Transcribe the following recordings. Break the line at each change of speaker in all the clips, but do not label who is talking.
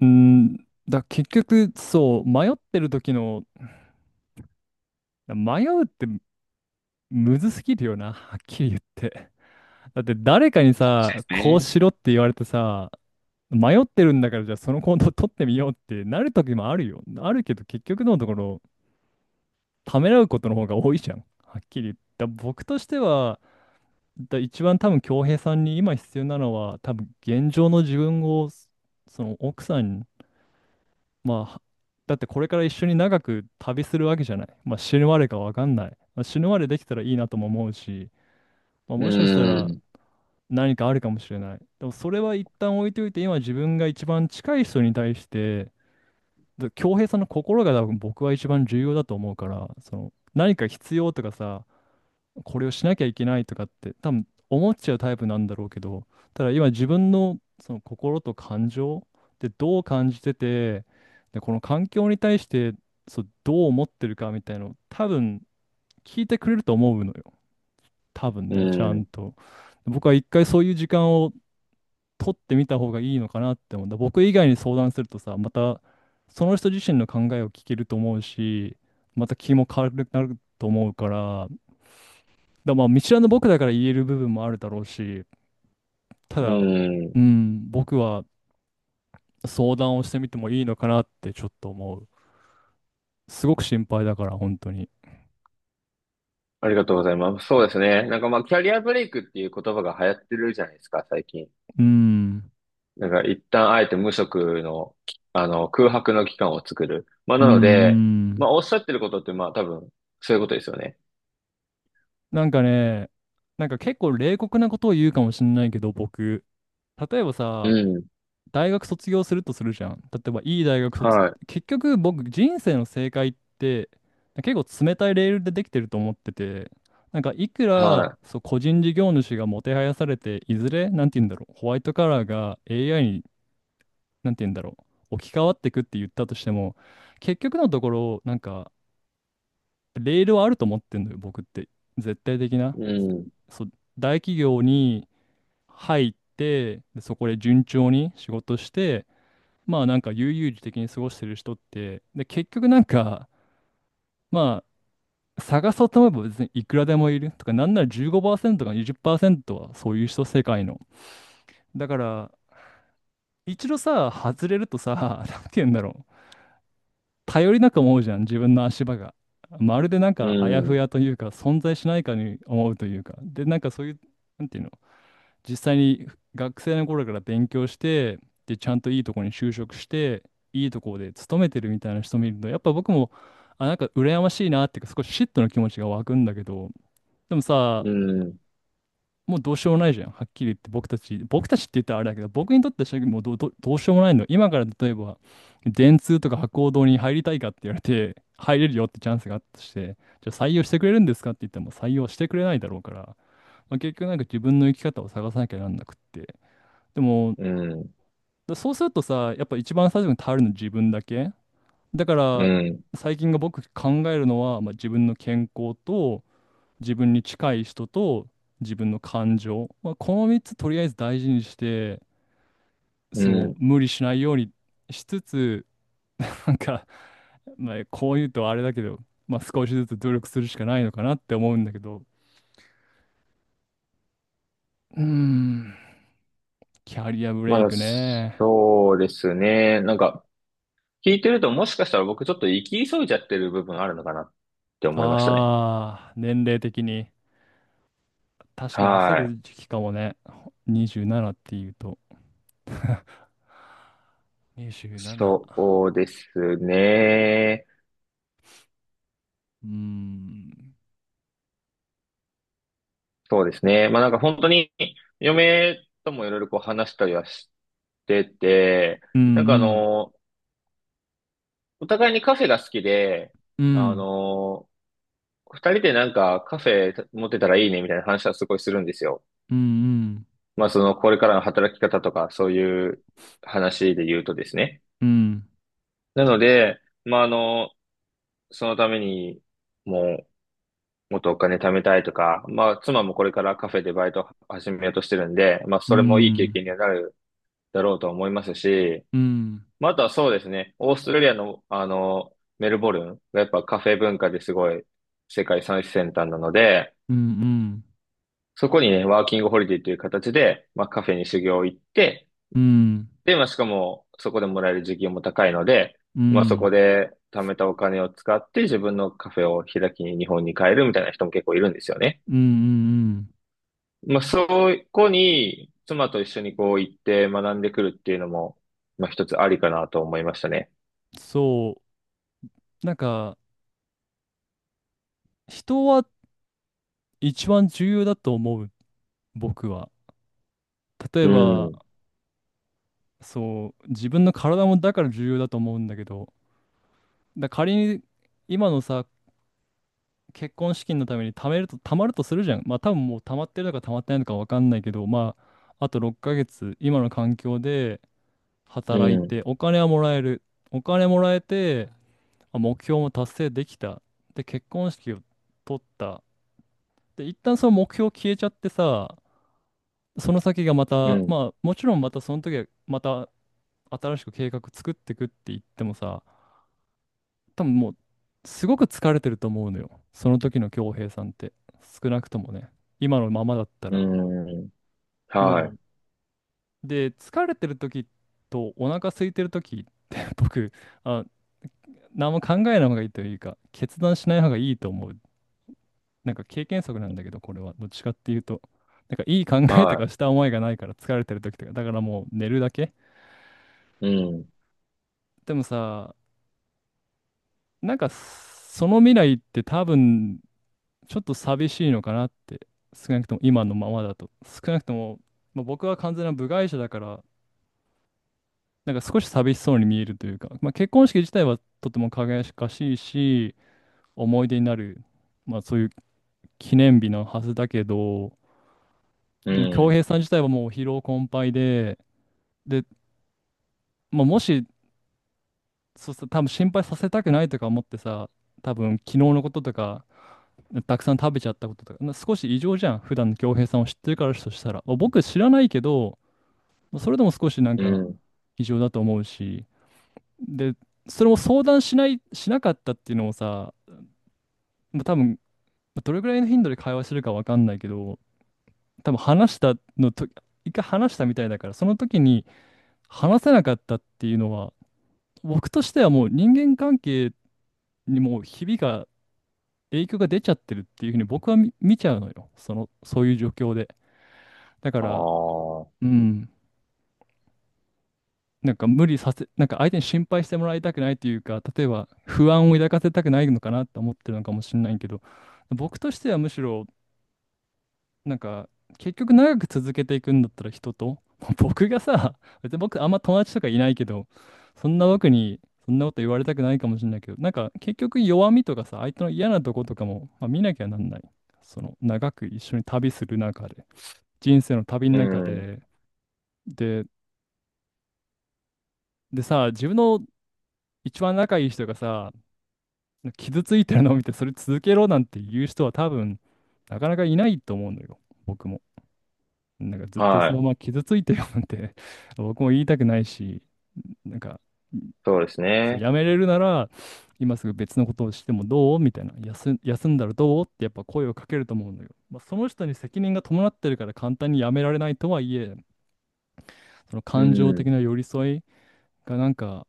うーん、結局、そう、迷ってる時の、迷うってむずすぎるよな、はっきり言って。だって誰かに
そ
さ、
うです
こうし
ね。
ろって言われてさ、迷ってるんだから、じゃあその行動を取ってみようってなる時もあるよ。あるけど結局のところ、ためらうことの方が多いじゃん。はっきり言って。僕としては、一番多分恭平さんに今必要なのは、多分現状の自分を、その奥さん、まあ、だってこれから一緒に長く旅するわけじゃない。まあ、死ぬまでかわかんない。まあ、死ぬまでできたらいいなとも思うし、まあ、
う
もしかしたら
ん、
何かあるかもしれない。でもそれは一旦置いといて、今自分が一番近い人に対して、で恭平さんの心が多分僕は一番重要だと思うから、その何か必要とかさ、これをしなきゃいけないとかって多分思っちゃうタイプなんだろうけど、ただ今自分のその心と感情でどう感じてて、で、この環境に対してそうどう思ってるかみたいなのを多分聞いてくれると思うのよ。多分
う
ね、ちゃん
ん、
と。僕は一回そういう時間を取ってみた方がいいのかなって思うんだ。僕以外に相談するとさ、またその人自身の考えを聞けると思うし、また気も軽くなると思うから、まあ、見知らぬ僕だから言える部分もあるだろうし、た
う
だ、う
ん。
ん、僕は相談をしてみてもいいのかなってちょっと思う。すごく心配だから、本当に。
ありがとうございます。そうですね。なんかまあ、キャリアブレイクっていう言葉が流行ってるじゃないですか、最近。
うん、
なんか一旦あえて無職の、きあの、空白の期間を作る。
うん、
なので、
う
まあ、
ん。
おっしゃってることってまあ、多分、そういうことですよね。
なんかね、なんか結構冷酷なことを言うかもしれないけど、僕。例えば
う
さ、
ん。
大学卒業するとするじゃん。例えばいい大学卒、
はい。
結局僕人生の正解って結構冷たいレールでできてると思ってて、なんかいくら
は
そう個人事業主がもてはやされて、いずれなんて言うんだろう、ホワイトカラーが AI になんて言うんだろう、置き換わってくって言ったとしても、結局のところなんかレールはあると思ってんのよ、僕って。絶対的な。
い。うん。
そう、大企業に入って、でそこで順調に仕事して、まあなんか悠々自適に過ごしてる人って、で結局なんか、まあ探そうと思えば別にいくらでもいるとか、なんなら15%か20%はそういう人世界の。だから一度さ、外れるとさ、なんて言うんだろう、頼りなく思うじゃん、自分の足場が。まるでなん
う
かあやふ
ん。
やというか、存在しないかに思うというか、でなんかそういう、なんていう、実際に学生の頃から勉強して、で、ちゃんといいとこに就職して、いいとこで勤めてるみたいな人見ると、やっぱ僕も、あ、なんか羨ましいなっていうか、少し嫉妬の気持ちが湧くんだけど、でもさ、
うん。
もうどうしようもないじゃん。はっきり言って僕たち、僕たちって言ったらあれだけど、僕にとってはもうどうしようもないの。今から例えば、電通とか博報堂に入りたいかって言われて、入れるよってチャンスがあったとして、じゃあ採用してくれるんですかって言っても採用してくれないだろうから、まあ、結局なんか自分の生き方を探さなきゃなんなくって。でも、
うん。
そうするとさ、やっぱ一番最初に頼るの自分だけ。だか
う
ら、
ん。
最近が僕考えるのは、まあ、自分の健康と、自分に近い人と、自分の感情。まあ、この3つとりあえず大事にして、
う
そう、
ん。
無理しないようにしつつ、なんか、まあ、こう言うとあれだけど、まあ、少しずつ努力するしかないのかなって思うんだけど。うーん、キャリアブレ
ま
イ
あ、
クね。
そうですね。なんか、聞いてるともしかしたら僕ちょっと行き急いじゃってる部分あるのかなって思いましたね。
ああ、年齢的に。確かに焦
はい。
る時期かもね。27っていうと。27。
そうですね。
うーん。
そうですね。まあなんか本当に嫁ともいろいろこう話したりはしてて、
うんう
なんかあ
ん。
の、お互いにカフェが好きで、
う
あ
ん
の、二人でなんかカフェ持ってたらいいねみたいな話はすごいするんですよ。
うん、
まあそのこれからの働き方とかそういう話で言うとですね。
うん
なので、まああの、そのために、もう、もっとお金貯めたいとか、まあ、妻もこれからカフェでバイトを始めようとしてるんで、まあ、
う
それもい
ん、
い経験に
う
は
ん
なるだろうと思いますし、
うん、うん
まあ、あとはそうですね、オーストラリアの、メルボルンがやっぱカフェ文化ですごい世界最先端なので、
うん、
そこにね、ワーキングホリデーという形で、まあ、カフェに修行行って、
うん
で、まあ、しかも、そこでもらえる時給も高いので、
う
まあ、そこで貯めたお金を使って自分のカフェを開きに日本に帰るみたいな人も結構いるんですよね。
ん、うん、
まあ、そこに、妻と一緒にこう行って学んでくるっていうのも、まあ、一つありかなと思いましたね。
そうなんか人は一番重要だと思う、僕は。例え
う
ば
ん、
そう自分の体もだから重要だと思うんだけど、だから仮に今のさ結婚資金のために貯まるとするじゃん。まあ多分もう貯まってるのか貯まってないのか分かんないけど、まああと6ヶ月、今の環境で
う
働いて、
ん、
お金はもらえる。お金もらえて、あ、目標も達成できた。で、結婚式を取った。で、一旦その目標消えちゃってさ、その先がま
う
た、
ん、
まあもちろんまたその時はまた新しく計画作ってくって言ってもさ、多分もう、すごく疲れてると思うのよ。その時の恭平さんって。少なくともね。今のままだった
う
ら。
ん。
も
はい、
う、で、疲れてる時とお腹空いてる時って 僕、あ、何も考えない方がいいというか、決断しない方がいいと思う。なんか経験則なんだけど、これは。どっちかっていうと。なんかいい考えとか
は
した思いがないから疲れてる時とか、だからもう寝るだけ。
い、うん、
でもさ、なんかその未来って多分ちょっと寂しいのかなって、少なくとも今のままだと。少なくとも、まあ、僕は完全な部外者だから、なんか少し寂しそうに見えるというか、まあ、結婚式自体はとても輝かしいし、思い出になる、まあ、そういう記念日のはずだけど、
う
でも恭
ん、
平さん自体はもう疲労困憊で、で、まあ、もし、そうさ多分心配させたくないとか思ってさ、多分昨日のこととか、たくさん食べちゃったこととか、な少し異常じゃん、普段の恭平さんを知ってるからとしたら。まあ僕知らないけど、それでも少しなん
う
か
ん。
異常だと思うし、で、それも相談しない、しなかったっていうのもさ、まあ多分、まあどれぐらいの頻度で会話してるかわかんないけど、多分話したのと、一回話したみたいだから、その時に話せなかったっていうのは、僕としてはもう人間関係にもうひびが、影響が出ちゃってるっていうふうに僕は見ちゃうのよ。その、そういう状況で。だか
あ
ら、
あ、
うん。なんか無理させ、なんか相手に心配してもらいたくないというか、例えば不安を抱かせたくないのかなと思ってるのかもしれないけど、僕としてはむしろ、なんか結局長く続けていくんだったら人と、僕がさ、別に僕あんま友達とかいないけど、そんな僕にそんなこと言われたくないかもしれないけど、なんか結局弱みとかさ、相手の嫌なとことかも、まあ、見なきゃなんない。その長く一緒に旅する中で、人生の旅の
う
中
ん、
で、で、でさ、自分の一番仲いい人がさ、傷ついてるのを見て、それ続けろなんて言う人は多分、なかなかいないと思うのよ、僕も。なんかずっとそ
は
の
い、
まま傷ついてるなんて 僕も言いたくないし、なんか、
そうです
そう
ね。
やめれるなら、今すぐ別のことをしてもどうみたいな、休んだらどうってやっぱ声をかけると思うのよ。まあ、その人に責任が伴ってるから簡単にやめられないとはいえ、その
う
感情的
ん、
な寄り添いがなんか、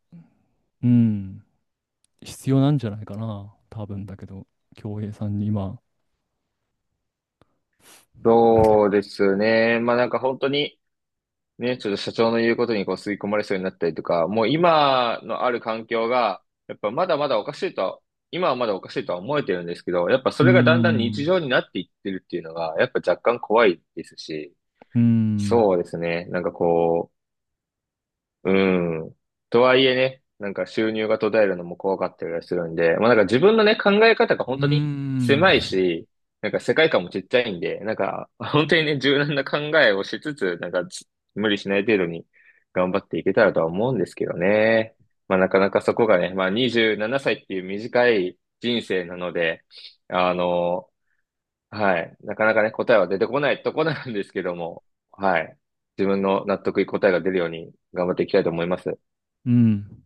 うん、必要なんじゃないかな、多分だけど、京平さんに今。
そうですね。まあ、なんか本当に、ね、ちょっと社長の言うことにこう吸い込まれそうになったりとか、もう今のある環境が、やっぱまだまだおかしいとは、今はまだおかしいとは思えてるんですけど、やっぱそ
うー
れがだんだん
ん、
日
う
常になっていってるっていうのが、やっぱ若干怖いですし、
ーん、
そうですね、なんかこう、うん。とはいえね、なんか収入が途絶えるのも怖かったりはするんで、まあなんか自分のね、考え方が
う
本
ー
当に狭い
ん、
し、なんか世界観もちっちゃいんで、なんか本当にね、柔軟な考えをしつつ、なんか無理しない程度に頑張っていけたらとは思うんですけどね。まあなかなかそこがね、まあ27歳っていう短い人生なので、あの、はい。なかなかね、答えは出てこないとこなんですけども、はい。自分の納得いく答えが出るように頑張っていきたいと思います。
うん。